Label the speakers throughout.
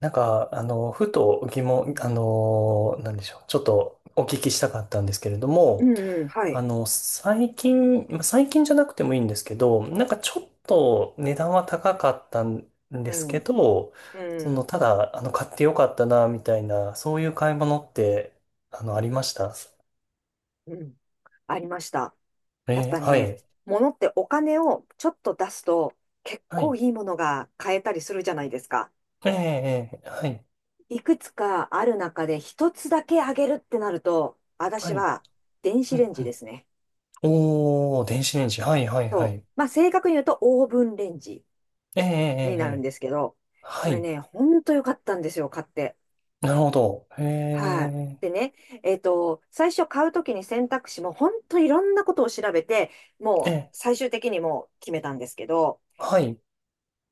Speaker 1: ふと疑
Speaker 2: う
Speaker 1: 問、
Speaker 2: ん、
Speaker 1: なんでしょう。ちょっとお聞きしたかったんですけれど
Speaker 2: う
Speaker 1: も、
Speaker 2: んうんはい。
Speaker 1: 最近、まあ最近じゃなくてもいいんですけど、ちょっと値段は高かったんで
Speaker 2: う
Speaker 1: すけ
Speaker 2: ん、
Speaker 1: ど、
Speaker 2: う
Speaker 1: その、
Speaker 2: ん、
Speaker 1: ただ、買ってよかったな、みたいな、そういう買い物って、ありました。
Speaker 2: うん。ありました。やっぱ
Speaker 1: は
Speaker 2: ね、
Speaker 1: い。
Speaker 2: 物ってお金をちょっと出すと結
Speaker 1: は
Speaker 2: 構
Speaker 1: い。
Speaker 2: いいものが買えたりするじゃないですか。
Speaker 1: はい。
Speaker 2: いくつかある中で一つだけあげるってなると、
Speaker 1: は
Speaker 2: 私
Speaker 1: い。
Speaker 2: は
Speaker 1: う
Speaker 2: 電子レ
Speaker 1: ん
Speaker 2: ンジ
Speaker 1: う
Speaker 2: で
Speaker 1: ん。
Speaker 2: すね。
Speaker 1: おー、電子レンジ。はい、はい、は
Speaker 2: そう。
Speaker 1: い。
Speaker 2: まあ正確に言うとオーブンレンジ
Speaker 1: えーえーえ
Speaker 2: に
Speaker 1: ー
Speaker 2: なるん
Speaker 1: え
Speaker 2: ですけど、
Speaker 1: は
Speaker 2: これ
Speaker 1: い。
Speaker 2: ね、ほんと良かったんですよ、買って。
Speaker 1: なるほど。へ
Speaker 2: はい。
Speaker 1: え、
Speaker 2: でね、最初買うときに選択肢も本当いろんなことを調べて、も
Speaker 1: え
Speaker 2: う
Speaker 1: え、
Speaker 2: 最終的にもう決めたんですけど、
Speaker 1: はい、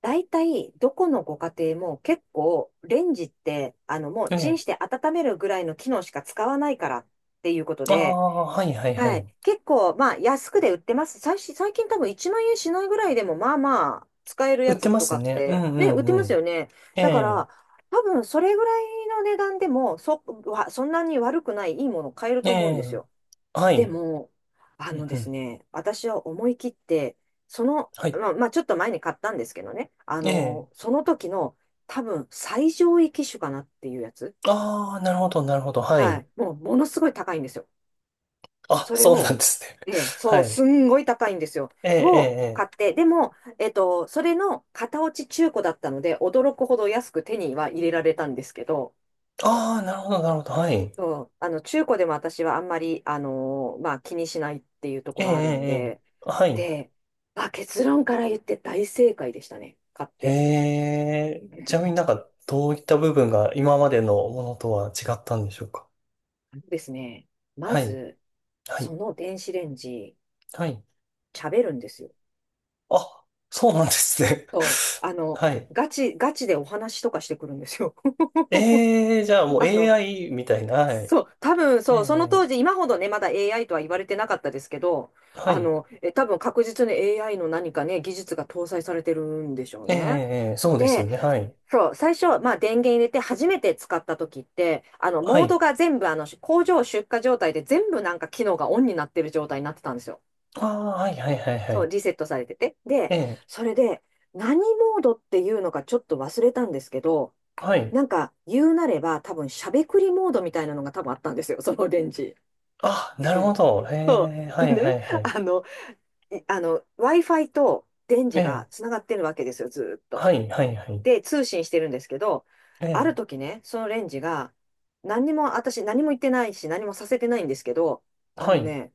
Speaker 2: 大体どこのご家庭も結構レンジって、もう
Speaker 1: え
Speaker 2: チン
Speaker 1: え、
Speaker 2: して温めるぐらいの機能しか使わないからっていうこと
Speaker 1: あ
Speaker 2: で、
Speaker 1: あ、はいはいは
Speaker 2: はい。
Speaker 1: い。
Speaker 2: 結構、まあ、安くで売ってます。最近多分1万円しないぐらいでも、まあまあ、使える
Speaker 1: 売っ
Speaker 2: や
Speaker 1: て
Speaker 2: つ
Speaker 1: ま
Speaker 2: と
Speaker 1: す
Speaker 2: かっ
Speaker 1: ね。う
Speaker 2: て、
Speaker 1: んう
Speaker 2: ね、売
Speaker 1: ん
Speaker 2: って
Speaker 1: う
Speaker 2: ます
Speaker 1: ん。
Speaker 2: よね。
Speaker 1: え
Speaker 2: だか
Speaker 1: え、
Speaker 2: ら、多分、それぐらいの値段でも、そんなに悪くない、いいものを買える
Speaker 1: え
Speaker 2: と思うんです
Speaker 1: え、
Speaker 2: よ。
Speaker 1: は
Speaker 2: で
Speaker 1: い、
Speaker 2: も、
Speaker 1: うん
Speaker 2: で
Speaker 1: う
Speaker 2: す
Speaker 1: ん、
Speaker 2: ね、私は思い切って、
Speaker 1: はい、
Speaker 2: まあ、ちょっと前に買ったんですけどね、
Speaker 1: ええ、
Speaker 2: その時の、多分、最上位機種かなっていうやつ。
Speaker 1: ああ、なるほどなるほど、は
Speaker 2: は
Speaker 1: い。
Speaker 2: い。もう、ものすごい高いんですよ。
Speaker 1: あ、
Speaker 2: それ
Speaker 1: そうなん
Speaker 2: を、
Speaker 1: ですね。
Speaker 2: ええ、
Speaker 1: は
Speaker 2: そう、
Speaker 1: い、
Speaker 2: すんごい高いんですよ。
Speaker 1: ええ、ええ、
Speaker 2: を
Speaker 1: え
Speaker 2: 買っ
Speaker 1: え。
Speaker 2: て、でも、それの型落ち中古だったので、驚くほど安く手には入れられたんですけど、
Speaker 1: ああ、なるほどなるほど、はい。
Speaker 2: そうあの中古でも私はあんまり、まあ、気にしないっていうと
Speaker 1: え
Speaker 2: こ
Speaker 1: え、ええ、
Speaker 2: ろあるん
Speaker 1: え
Speaker 2: で、
Speaker 1: えはい。
Speaker 2: で、まあ、結論から言って大正解でしたね、買っ
Speaker 1: へ
Speaker 2: て。
Speaker 1: え、ちなみに
Speaker 2: う
Speaker 1: どういった部分が今までのものとは違ったんでしょうか。
Speaker 2: ですね、ま
Speaker 1: はい、
Speaker 2: ず、
Speaker 1: はい、
Speaker 2: その電子レンジ、
Speaker 1: はい。
Speaker 2: 喋るんですよ。
Speaker 1: あ、そうなんですね。
Speaker 2: そう、
Speaker 1: はい。
Speaker 2: ガチでお話とかしてくるんですよ。
Speaker 1: えー、じゃあ もう
Speaker 2: あの、
Speaker 1: AI みたいな。はい。
Speaker 2: そう、多分
Speaker 1: え
Speaker 2: そう、その当
Speaker 1: え
Speaker 2: 時、今ほどね、まだ AI とは言われてなかったですけど、
Speaker 1: はい。
Speaker 2: 多分確実に AI の何かね、技術が搭載されてるんでしょうね。
Speaker 1: ええ、そうですよ
Speaker 2: で、
Speaker 1: ね。はい。
Speaker 2: そう、最初、まあ電源入れて初めて使った時って、
Speaker 1: は
Speaker 2: モード
Speaker 1: い。
Speaker 2: が全部、工場出荷状態で全部なんか機能がオンになってる状態になってたんですよ。
Speaker 1: ああ、はいはいはいは
Speaker 2: そう、
Speaker 1: い。
Speaker 2: リセットされてて。で、
Speaker 1: ええ
Speaker 2: それで、何モードっていうのかちょっと忘れたんですけど、
Speaker 1: はい。
Speaker 2: なんか言うなれば多分しゃべくりモードみたいなのが多分あったんですよ、そのレンジ。
Speaker 1: あ、なるほ
Speaker 2: で、
Speaker 1: ど。ええは
Speaker 2: で
Speaker 1: いは
Speaker 2: ね、
Speaker 1: いはい。
Speaker 2: あの、いあの、Wi-Fi と電
Speaker 1: え
Speaker 2: 磁が
Speaker 1: え
Speaker 2: つながってるわけですよ、ずーっ
Speaker 1: は
Speaker 2: と。
Speaker 1: いはいはい。
Speaker 2: で、通信してるんですけど、あ
Speaker 1: え
Speaker 2: る
Speaker 1: え
Speaker 2: 時ね、そのレンジが、何にも、私何も言ってないし、何もさせてないんですけど、あ
Speaker 1: は
Speaker 2: の
Speaker 1: い。
Speaker 2: ね、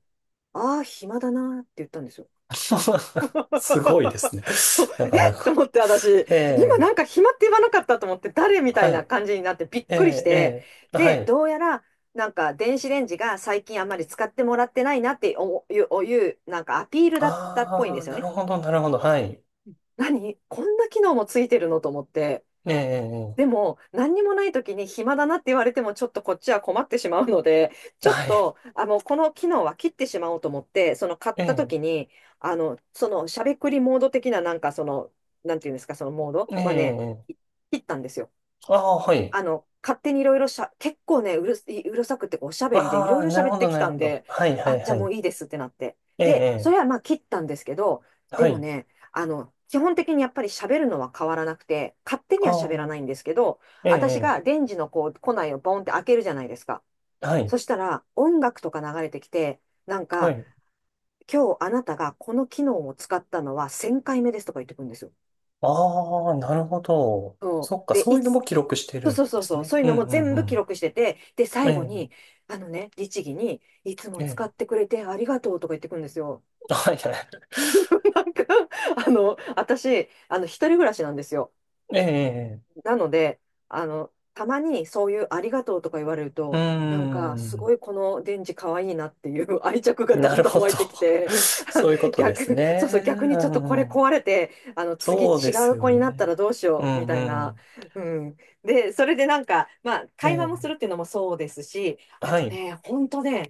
Speaker 2: ああ、暇だなーって言ったんですよ。
Speaker 1: すごいですね。
Speaker 2: そう、
Speaker 1: な
Speaker 2: え
Speaker 1: かな
Speaker 2: っと
Speaker 1: か。
Speaker 2: 思って、私、
Speaker 1: え
Speaker 2: 今なん
Speaker 1: え
Speaker 2: か暇って言わなかったと思って、誰みたい
Speaker 1: は
Speaker 2: な
Speaker 1: い。
Speaker 2: 感じになってびっ
Speaker 1: え
Speaker 2: くりし
Speaker 1: ええ
Speaker 2: て、
Speaker 1: えは
Speaker 2: で、
Speaker 1: い。
Speaker 2: どうやら、なんか電子レンジが最近あんまり使ってもらってないなっておいうなんかアピールだったっぽいん
Speaker 1: あ
Speaker 2: で
Speaker 1: あ、
Speaker 2: すよ
Speaker 1: なる
Speaker 2: ね。
Speaker 1: ほど、なるほど。はい。
Speaker 2: 何こんな機能もついてるのと思って。
Speaker 1: ええ
Speaker 2: で
Speaker 1: え
Speaker 2: も、何にもない時に暇だなって言われても、ちょっとこっちは困ってしまうので、ち
Speaker 1: え
Speaker 2: ょっ
Speaker 1: はい。
Speaker 2: と、この機能は切ってしまおうと思って、その買った
Speaker 1: え
Speaker 2: 時
Speaker 1: え
Speaker 2: に、そのしゃべくりモード的な、なんていうんですか、そのモード
Speaker 1: え
Speaker 2: はね、
Speaker 1: え、
Speaker 2: 切ったんですよ。
Speaker 1: ああ、はい。
Speaker 2: 勝手にいろいろ結構ね、うるさくっておしゃべりでい
Speaker 1: あ
Speaker 2: ろい
Speaker 1: あ、
Speaker 2: ろ
Speaker 1: なる
Speaker 2: 喋っ
Speaker 1: ほ
Speaker 2: て
Speaker 1: ど、
Speaker 2: き
Speaker 1: なる
Speaker 2: た
Speaker 1: ほ
Speaker 2: ん
Speaker 1: ど。
Speaker 2: で、
Speaker 1: はい、は
Speaker 2: あ、
Speaker 1: い、
Speaker 2: じゃ
Speaker 1: は
Speaker 2: あも
Speaker 1: い。
Speaker 2: ういいですってなって。
Speaker 1: え
Speaker 2: で、そ
Speaker 1: え、
Speaker 2: れはまあ切ったんですけど、
Speaker 1: ええは
Speaker 2: でも
Speaker 1: い。
Speaker 2: ね、基本的にやっぱり喋るのは変わらなくて、勝手に
Speaker 1: あ
Speaker 2: は喋ら
Speaker 1: あ、
Speaker 2: ないんですけど、
Speaker 1: ええ、
Speaker 2: 私が
Speaker 1: え
Speaker 2: 電磁のこう、庫内をボンって開けるじゃないですか。
Speaker 1: えは
Speaker 2: そ
Speaker 1: い、
Speaker 2: したら、音楽とか流れてきて、なん
Speaker 1: は
Speaker 2: か、
Speaker 1: い。
Speaker 2: 今日あなたがこの機能を使ったのは1000回目ですとか言ってくるんですよ。
Speaker 1: ああ、なるほど。
Speaker 2: そ
Speaker 1: そっ
Speaker 2: う。
Speaker 1: か、
Speaker 2: で、
Speaker 1: そういうのも記録して
Speaker 2: そ
Speaker 1: る
Speaker 2: うそ
Speaker 1: ん
Speaker 2: うそ
Speaker 1: で
Speaker 2: う
Speaker 1: す
Speaker 2: そう、
Speaker 1: ね。
Speaker 2: そういう
Speaker 1: う
Speaker 2: の
Speaker 1: ん、
Speaker 2: も
Speaker 1: う
Speaker 2: 全部記
Speaker 1: ん、
Speaker 2: 録してて、で、
Speaker 1: うん。え
Speaker 2: 最後
Speaker 1: え、
Speaker 2: に、律儀に、いつ
Speaker 1: え
Speaker 2: も使
Speaker 1: え、
Speaker 2: ってくれてありがとうとか言ってくるんですよ。
Speaker 1: はい、はい。
Speaker 2: なんか、私、一人暮らしなんですよ。
Speaker 1: ええ、ええ、
Speaker 2: なので、たまにそういうありがとうとか言われる
Speaker 1: うー
Speaker 2: と、なんかすご
Speaker 1: ん、
Speaker 2: いこのデンジ可愛いなっていう 愛着がだ
Speaker 1: な
Speaker 2: ん
Speaker 1: る
Speaker 2: だん
Speaker 1: ほど。
Speaker 2: 湧いてきて、あの
Speaker 1: そういうことで
Speaker 2: 逆、
Speaker 1: す
Speaker 2: そうそ
Speaker 1: ね。
Speaker 2: う、逆に
Speaker 1: う
Speaker 2: ちょっとこれ
Speaker 1: ん、
Speaker 2: 壊れて、次違
Speaker 1: そうです
Speaker 2: う
Speaker 1: よ
Speaker 2: 子になった
Speaker 1: ね。
Speaker 2: らどうし
Speaker 1: う
Speaker 2: ようみ
Speaker 1: ん、
Speaker 2: た
Speaker 1: う
Speaker 2: いな。
Speaker 1: ん。
Speaker 2: うん。で、それでなんか、まあ、
Speaker 1: え
Speaker 2: 会話もする
Speaker 1: え、
Speaker 2: っていうのもそうですし、あ
Speaker 1: は
Speaker 2: と
Speaker 1: い。
Speaker 2: ね、本当ね、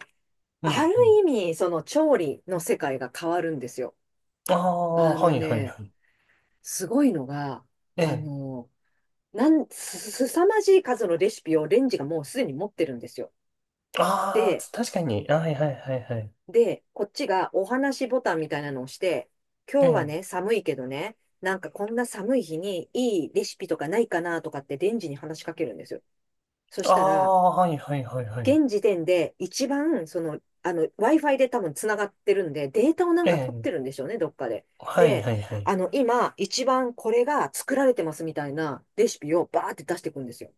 Speaker 1: う
Speaker 2: あ
Speaker 1: ん、
Speaker 2: る
Speaker 1: うん。
Speaker 2: 意味、その調理の世界が変わるんですよ。
Speaker 1: ああ、
Speaker 2: あ
Speaker 1: は
Speaker 2: の
Speaker 1: い、はい、は
Speaker 2: ね、
Speaker 1: い。
Speaker 2: すごいのが、
Speaker 1: え
Speaker 2: あ
Speaker 1: え、
Speaker 2: の、なん、す、すさまじい数のレシピをレンジがもうすでに持ってるんですよ。
Speaker 1: ああ、
Speaker 2: で、
Speaker 1: つ確かに。あ、はいはいはいはい。
Speaker 2: こっちがお話ボタンみたいなのを押して、
Speaker 1: え
Speaker 2: 今日は
Speaker 1: え。
Speaker 2: ね、寒いけどね、なんかこんな寒い日にいいレシピとかないかなとかってレンジに話しかけるんですよ。そ
Speaker 1: あ
Speaker 2: したら、
Speaker 1: あ、はいはいはいはい。
Speaker 2: 現時点で一番、Wi-Fi で多分つながってるんで、データをな
Speaker 1: え
Speaker 2: んか取っ
Speaker 1: え。
Speaker 2: てるんでしょうね、どっかで。
Speaker 1: はい
Speaker 2: で、
Speaker 1: はいはい。
Speaker 2: 今、一番これが作られてますみたいなレシピをバーって出していくんですよ。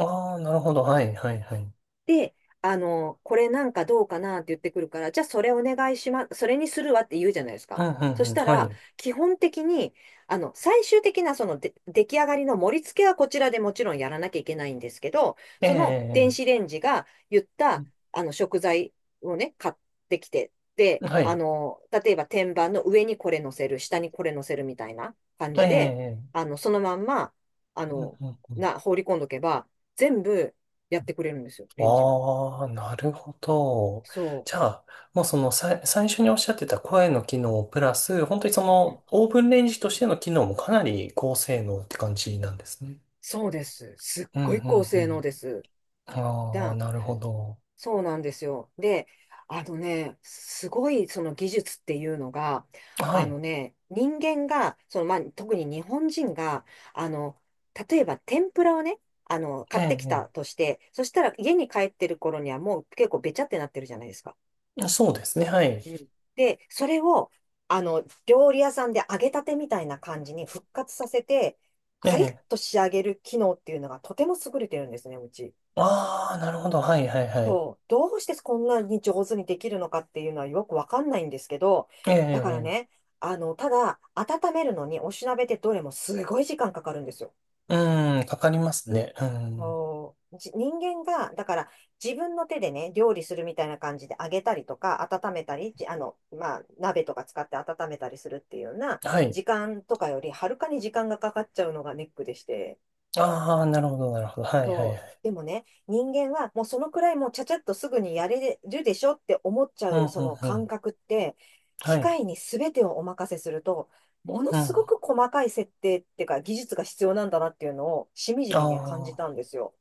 Speaker 1: ああ、なるほど。はいはいはい。
Speaker 2: で、これなんかどうかなって言ってくるから、じゃあそれお願いします、それにするわって言うじゃないです
Speaker 1: う
Speaker 2: か。
Speaker 1: んうん
Speaker 2: そし
Speaker 1: うん。
Speaker 2: た
Speaker 1: は
Speaker 2: ら、
Speaker 1: い。
Speaker 2: 基本的に、最終的なそので出来上がりの盛り付けはこちらでもちろんやらなきゃいけないんですけど、
Speaker 1: え
Speaker 2: その電
Speaker 1: え。
Speaker 2: 子レンジが言った食材をね、買ってきて、で、
Speaker 1: はい。
Speaker 2: 例えば天板の上にこれ乗せる、下にこれ乗せるみたいな感
Speaker 1: え
Speaker 2: じで、
Speaker 1: え。
Speaker 2: そのまんま、あ
Speaker 1: うん
Speaker 2: の、
Speaker 1: うんうん。
Speaker 2: 放り込んどけば、全部、やってくれるんですよ、レンジが。
Speaker 1: ああ、なるほど。
Speaker 2: そ
Speaker 1: じゃあ、もうそのさい、最初におっしゃってた声の機能プラス、本当にそ
Speaker 2: う。うん。
Speaker 1: のオーブンレンジとしての機能もかなり高性能って感じなんですね。
Speaker 2: そうです。すっ
Speaker 1: うん
Speaker 2: ごい
Speaker 1: う
Speaker 2: 高
Speaker 1: んう
Speaker 2: 性能
Speaker 1: ん。
Speaker 2: です。
Speaker 1: ああ、
Speaker 2: だ、
Speaker 1: なるほど。
Speaker 2: そうなんですよ。で、あのね、すごいその技術っていうのが、
Speaker 1: は
Speaker 2: あの
Speaker 1: い。
Speaker 2: ね、人間が、その、まあ、特に日本人が、あの、例えば天ぷらをね、
Speaker 1: え
Speaker 2: 買ってきた
Speaker 1: え、
Speaker 2: として、そしたら家に帰ってる頃にはもう結構べちゃってなってるじゃないですか。
Speaker 1: ええ。そうですね、はい。
Speaker 2: うん。で、それを、料理屋さんで揚げたてみたいな感じに復活させて、
Speaker 1: え
Speaker 2: パリッ
Speaker 1: え。
Speaker 2: と仕上げる機能っていうのがとても優れてるんですね、うち。
Speaker 1: ああ、なるほど、はい、はい、はい。
Speaker 2: そう、どうしてこんなに上手にできるのかっていうのはよくわかんないんですけど、
Speaker 1: え
Speaker 2: だから
Speaker 1: え、
Speaker 2: ね、ただ、温めるのにおしなべってどれもすごい時間かかるんですよ。
Speaker 1: ええ。うん、かかりますね。うん。
Speaker 2: そうじ人間が、だから自分の手でね、料理するみたいな感じで揚げたりとか、温めたり、じあの、まあ、鍋とか使って温めたりするっていうような、
Speaker 1: はい。
Speaker 2: 時間とかよりはるかに時間がかかっちゃうのがネックでして、
Speaker 1: ああ、なるほど、なるほど。はい、はい、
Speaker 2: そ
Speaker 1: は
Speaker 2: う。
Speaker 1: い。
Speaker 2: でもね、人間はもうそのくらいもうちゃちゃっとすぐにやれるでしょって思っち
Speaker 1: う
Speaker 2: ゃ
Speaker 1: ん、うん、
Speaker 2: うその
Speaker 1: う
Speaker 2: 感
Speaker 1: ん。
Speaker 2: 覚って、
Speaker 1: は
Speaker 2: 機
Speaker 1: い。
Speaker 2: 械に全てをお任せすると、もの
Speaker 1: う
Speaker 2: す
Speaker 1: ん。
Speaker 2: ごく細かい設定っていうか技術が必要なんだなっていうのをしみじみね、感じ
Speaker 1: あ
Speaker 2: たんですよ。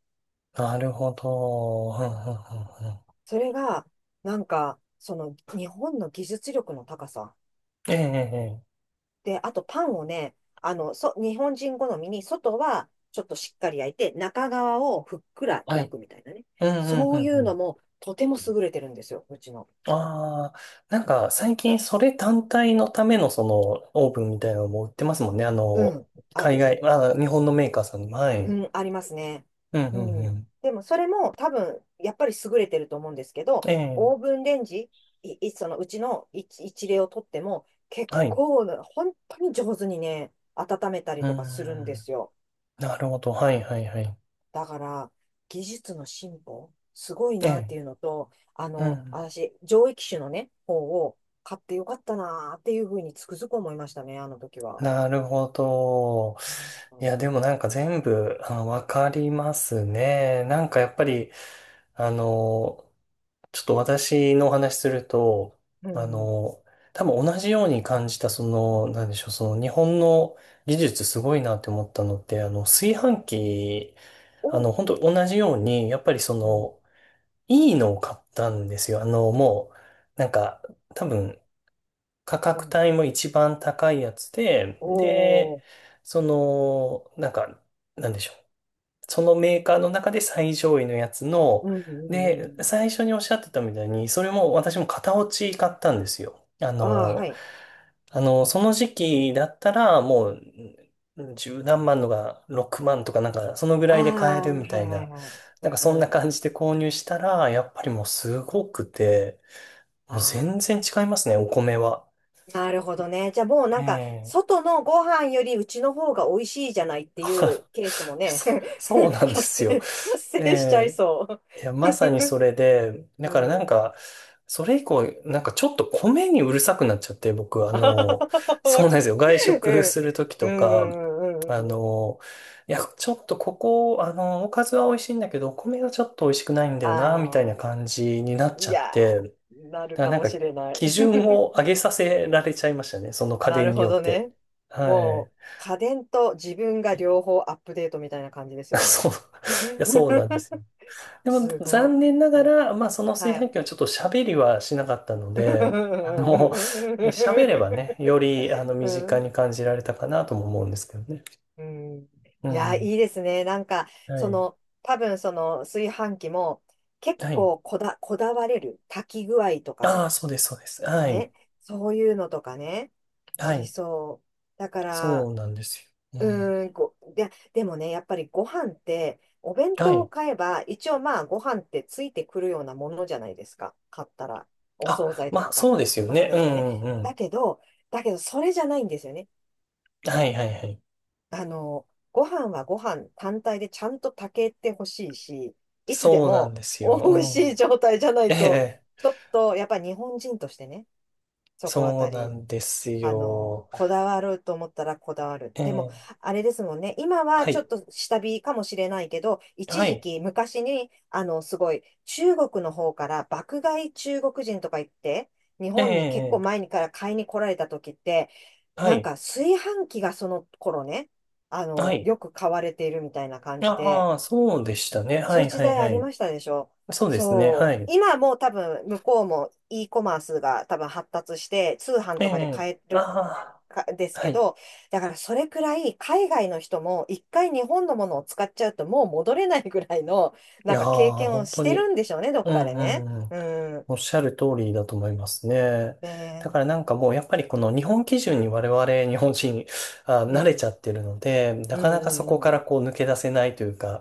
Speaker 1: あ、なるほど。うん、うん、うん、うん。
Speaker 2: それが、なんか、その日本の技術力の高さ。
Speaker 1: ええ、ええ。ええ
Speaker 2: で、あとパンをね、あの、日本人好みに、外はちょっとしっかり焼いて、中側をふっくら
Speaker 1: は
Speaker 2: 焼
Speaker 1: い。
Speaker 2: くみたいなね。
Speaker 1: うん、うん、う
Speaker 2: そうい
Speaker 1: ん、う
Speaker 2: うの
Speaker 1: ん。
Speaker 2: もとても優れてるんですよ、うちの。
Speaker 1: ああ、最近それ単体のためのそのオーブンみたいなのも売ってますもんね。
Speaker 2: うん、あ
Speaker 1: 海
Speaker 2: る。
Speaker 1: 外、あー、日本のメーカーさんにも。は
Speaker 2: う
Speaker 1: い。
Speaker 2: ん、ありますね。
Speaker 1: うん、
Speaker 2: う
Speaker 1: うん、う
Speaker 2: ん。
Speaker 1: ん。
Speaker 2: でも、それも多分、やっぱり優れてると思うんですけど、
Speaker 1: ええ、
Speaker 2: オーブンレンジ、そのうちの一例をとっても、結
Speaker 1: はい。う
Speaker 2: 構な、本当に上手にね、温めた
Speaker 1: ー
Speaker 2: りとかするんで
Speaker 1: ん。
Speaker 2: すよ。
Speaker 1: なるほど。はい、はい、はい。
Speaker 2: だから、技術の進歩、すごい
Speaker 1: え
Speaker 2: なって
Speaker 1: え、
Speaker 2: いうのと、あ
Speaker 1: う
Speaker 2: の、
Speaker 1: ん。
Speaker 2: 私、上位機種のね、方を買ってよかったなっていうふうにつくづく思いましたね、あの時は。
Speaker 1: なるほど。
Speaker 2: う
Speaker 1: い
Speaker 2: ん。
Speaker 1: や、でも全部、あ、わかりますね。やっぱり、あの、ちょっと私のお話すると、
Speaker 2: う
Speaker 1: あ
Speaker 2: ん。
Speaker 1: の、多分同じように感じた、その、なんでしょう、その日本の技術すごいなって思ったのって、炊飯器、
Speaker 2: お、
Speaker 1: 本当同じように、やっぱりそ
Speaker 2: うん。
Speaker 1: の、いいのを買ったんですよ。もう、多分、価
Speaker 2: う
Speaker 1: 格
Speaker 2: ん。
Speaker 1: 帯も一番高いやつで、
Speaker 2: お
Speaker 1: で、
Speaker 2: ー
Speaker 1: その、なんでしょう。そのメーカーの中で最上位のやつの、
Speaker 2: うんうんうん
Speaker 1: で、
Speaker 2: うん。
Speaker 1: 最初におっしゃってたみたいに、それも私も型落ち買ったんですよ。あ
Speaker 2: ああ、は
Speaker 1: の、
Speaker 2: い。
Speaker 1: あの、その時期だったらもう、十何万のが6万とかなんか、そのぐ
Speaker 2: あ
Speaker 1: らいで買え
Speaker 2: あ、
Speaker 1: る
Speaker 2: は
Speaker 1: み
Speaker 2: い
Speaker 1: たい
Speaker 2: はい
Speaker 1: な、
Speaker 2: はい。う
Speaker 1: そん
Speaker 2: ん
Speaker 1: な
Speaker 2: うん。
Speaker 1: 感じで購入したら、やっぱりもうすごくて、
Speaker 2: あ
Speaker 1: もう全
Speaker 2: あ、
Speaker 1: 然違いますね、お米は。
Speaker 2: なるほどね。じゃあもう
Speaker 1: え
Speaker 2: なんか、
Speaker 1: え。
Speaker 2: 外のご飯よりうちの方が美味しいじゃないっていう ケースもね、
Speaker 1: そ、そう なんで
Speaker 2: 発
Speaker 1: す
Speaker 2: 生、
Speaker 1: よ。
Speaker 2: 発生しちゃい
Speaker 1: ええ、
Speaker 2: そ
Speaker 1: いや、まさにそれで、だ
Speaker 2: う。
Speaker 1: から
Speaker 2: うん。
Speaker 1: それ以降、ちょっと米にうるさくなっちゃって、僕、
Speaker 2: あははは
Speaker 1: そう
Speaker 2: わ
Speaker 1: なん
Speaker 2: か
Speaker 1: ですよ。外食
Speaker 2: る
Speaker 1: するときと
Speaker 2: うん。
Speaker 1: か、
Speaker 2: うんうんうん
Speaker 1: あ
Speaker 2: うんうん
Speaker 1: の、いや、ちょっとここ、おかずは美味しいんだけど、お米がちょっと美味しくないんだよな、みたいな
Speaker 2: あ
Speaker 1: 感じになっ
Speaker 2: あ、い
Speaker 1: ちゃっ
Speaker 2: や
Speaker 1: て、だか
Speaker 2: ー、なる
Speaker 1: ら
Speaker 2: かもしれな
Speaker 1: 基
Speaker 2: い。
Speaker 1: 準を上げさ
Speaker 2: う
Speaker 1: せら
Speaker 2: ん。
Speaker 1: れちゃいましたね。その家
Speaker 2: な
Speaker 1: 電
Speaker 2: る
Speaker 1: に
Speaker 2: ほ
Speaker 1: よっ
Speaker 2: どね。
Speaker 1: て。は
Speaker 2: もう、
Speaker 1: い。
Speaker 2: 家電と自分が両方アップデートみたいな感じです よね。
Speaker 1: そう。いや、そうなんですよ。 でも
Speaker 2: すご
Speaker 1: 残念な
Speaker 2: い。う
Speaker 1: が
Speaker 2: ん
Speaker 1: ら、まあその炊
Speaker 2: は
Speaker 1: 飯
Speaker 2: い。
Speaker 1: 器はちょっと喋りはしなかったので、あの、喋ればね、より
Speaker 2: う
Speaker 1: 身近
Speaker 2: ん
Speaker 1: に感じられたかなとも思うんですけどね。
Speaker 2: うん、
Speaker 1: う
Speaker 2: いや、
Speaker 1: ん。
Speaker 2: いいですね。なんか、
Speaker 1: は
Speaker 2: そ
Speaker 1: い。
Speaker 2: の、多分その炊飯器も結
Speaker 1: はい。
Speaker 2: 構こだわれる。炊き具合とか
Speaker 1: ああ、
Speaker 2: に。
Speaker 1: そうです、そうです。はい。
Speaker 2: ね。そういうのとかね。あ
Speaker 1: は
Speaker 2: り
Speaker 1: い。
Speaker 2: そう。だか
Speaker 1: そ
Speaker 2: ら、
Speaker 1: うなんですよ。うん。
Speaker 2: うーん、でもね、やっぱりご飯って、お弁
Speaker 1: は
Speaker 2: 当を
Speaker 1: い。
Speaker 2: 買えば、一応まあ、ご飯ってついてくるようなものじゃないですか。買ったら。お惣
Speaker 1: あ、
Speaker 2: 菜と
Speaker 1: ま
Speaker 2: か
Speaker 1: あ
Speaker 2: か、
Speaker 1: そうですよ
Speaker 2: お惣
Speaker 1: ね。う
Speaker 2: 菜とかね。
Speaker 1: んうんう
Speaker 2: だ
Speaker 1: ん。
Speaker 2: けど、だけど、それじゃないんですよね。
Speaker 1: はいはいはい。
Speaker 2: あの、ご飯はご飯単体でちゃんと炊けてほしいし、いつで
Speaker 1: そうなん
Speaker 2: も
Speaker 1: です
Speaker 2: 美味し
Speaker 1: よ。
Speaker 2: い状態じゃな
Speaker 1: うん。え
Speaker 2: いと、
Speaker 1: え、
Speaker 2: ちょっと、やっぱり日本人としてね、そこあ
Speaker 1: そう
Speaker 2: た
Speaker 1: な
Speaker 2: り、
Speaker 1: んです
Speaker 2: あの、
Speaker 1: よ。
Speaker 2: こだわると思ったらこだわる。
Speaker 1: え
Speaker 2: でも、
Speaker 1: え、
Speaker 2: あれですもんね。今は
Speaker 1: は
Speaker 2: ちょ
Speaker 1: い。
Speaker 2: っと下火かもしれないけど、一
Speaker 1: は
Speaker 2: 時
Speaker 1: い。
Speaker 2: 期昔に、あの、すごい、中国の方から爆買い中国人とか言って、日
Speaker 1: え
Speaker 2: 本に結構
Speaker 1: え、
Speaker 2: 前にから買いに来られた時って、
Speaker 1: は
Speaker 2: なん
Speaker 1: い。
Speaker 2: か炊飯器がその頃ね、あ
Speaker 1: は
Speaker 2: の、
Speaker 1: い。
Speaker 2: よく買われているみたいな感じで、
Speaker 1: ああ、そうでしたね。は
Speaker 2: そういう
Speaker 1: い
Speaker 2: 時
Speaker 1: はい
Speaker 2: 代あ
Speaker 1: は
Speaker 2: り
Speaker 1: い。
Speaker 2: ましたでしょ。
Speaker 1: そうですね。は
Speaker 2: そう。
Speaker 1: い。
Speaker 2: 今もう多分向こうも e コマースが多分発達して通販
Speaker 1: え
Speaker 2: とかで
Speaker 1: え。
Speaker 2: 買える
Speaker 1: あ
Speaker 2: かです
Speaker 1: あ、は
Speaker 2: け
Speaker 1: い。
Speaker 2: ど、だからそれくらい海外の人も一回日本のものを使っちゃうともう戻れないぐらいの
Speaker 1: い
Speaker 2: なん
Speaker 1: やー、
Speaker 2: か経験を
Speaker 1: 本
Speaker 2: し
Speaker 1: 当
Speaker 2: てる
Speaker 1: に。
Speaker 2: んでしょうね、どっ
Speaker 1: う
Speaker 2: かで
Speaker 1: んう
Speaker 2: ね。
Speaker 1: んうん。
Speaker 2: うん。
Speaker 1: おっしゃる通りだと思いますね。だ
Speaker 2: ね
Speaker 1: からもうやっぱりこの日本基準に我々日本人 あ、
Speaker 2: う
Speaker 1: 慣れち
Speaker 2: ん。
Speaker 1: ゃってるので、な
Speaker 2: う
Speaker 1: かなかそ
Speaker 2: んう
Speaker 1: こから
Speaker 2: ん
Speaker 1: こう抜け出せないというか、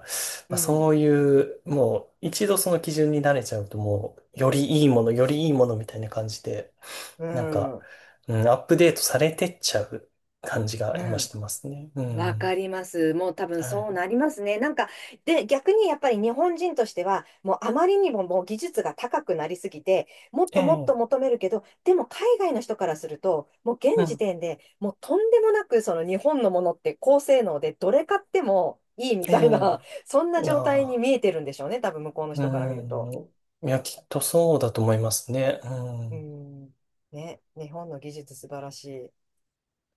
Speaker 2: う
Speaker 1: まあ、そ
Speaker 2: ん。
Speaker 1: ういうもう一度その基準に慣れちゃうと、もうよ
Speaker 2: うん。う
Speaker 1: りいい
Speaker 2: ん。
Speaker 1: もの、よりいいものみたいな感じで
Speaker 2: う
Speaker 1: なんか、
Speaker 2: ん。
Speaker 1: うん、アップデートされてっちゃう感じが
Speaker 2: う
Speaker 1: 今し
Speaker 2: ん。
Speaker 1: てますね。う
Speaker 2: わか
Speaker 1: ん。
Speaker 2: ります。もう多分
Speaker 1: は
Speaker 2: そう
Speaker 1: い。
Speaker 2: なりますね。なんか、で、逆にやっぱり日本人としては、もうあまりにももう技術が高くなりすぎて、もっ
Speaker 1: え
Speaker 2: ともっと
Speaker 1: え、
Speaker 2: 求めるけど、でも海外の人からすると、もう
Speaker 1: う
Speaker 2: 現時
Speaker 1: ん、
Speaker 2: 点でもうとんでもなくその日本のものって高性能でどれ買ってもいいみ
Speaker 1: ええ、
Speaker 2: たいな、そんな
Speaker 1: いや
Speaker 2: 状態に
Speaker 1: ー、
Speaker 2: 見えてるんでしょうね。多分向こうの
Speaker 1: う
Speaker 2: 人から見ると。
Speaker 1: ん。いや、きっとそうだと思いますね。う
Speaker 2: う
Speaker 1: ん。
Speaker 2: ん。ね、日本の技術素晴らしい。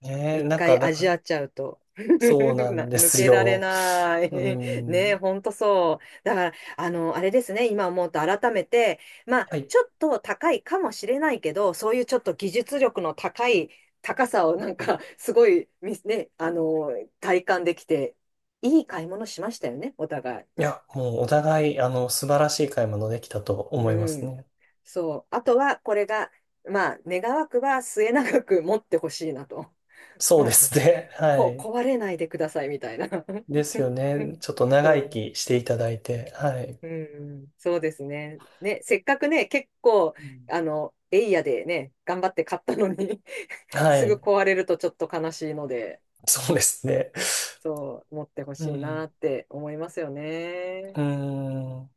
Speaker 1: ねえ、
Speaker 2: 一回
Speaker 1: だか
Speaker 2: 味
Speaker 1: ら、
Speaker 2: わっちゃうと。
Speaker 1: そう なん
Speaker 2: な
Speaker 1: で
Speaker 2: 抜
Speaker 1: す
Speaker 2: けられ
Speaker 1: よ。
Speaker 2: ない。
Speaker 1: う
Speaker 2: ねえ、
Speaker 1: ん。
Speaker 2: ほんとそう。だから、あの、あれですね、今思うと改めて、まあ、
Speaker 1: はい。
Speaker 2: ちょっと高いかもしれないけど、そういうちょっと技術力の高い高さをなんか、すごい、みね、あの、体感できて、いい買い物しましたよね、お互
Speaker 1: いや、もうお互い、素晴らしい買い物できたと
Speaker 2: い。
Speaker 1: 思いま
Speaker 2: う
Speaker 1: す
Speaker 2: ん。
Speaker 1: ね。
Speaker 2: そう。あとは、これが、まあ、願わくば末永く持ってほしいなと。
Speaker 1: そうです ね。はい。
Speaker 2: 壊れないでくださいみたいな。
Speaker 1: ですよね。ちょっと 長生
Speaker 2: そ
Speaker 1: きしていただいて。はい。
Speaker 2: う。うん、そうですね。ね、せっかくね、結構、
Speaker 1: うん
Speaker 2: あの、エイヤでね、頑張って買ったのに
Speaker 1: は
Speaker 2: すぐ
Speaker 1: い。
Speaker 2: 壊れるとちょっと悲しいので、
Speaker 1: そうですね。
Speaker 2: そう、持ってほ
Speaker 1: う
Speaker 2: しいな
Speaker 1: ん。
Speaker 2: って思いますよね。
Speaker 1: うん。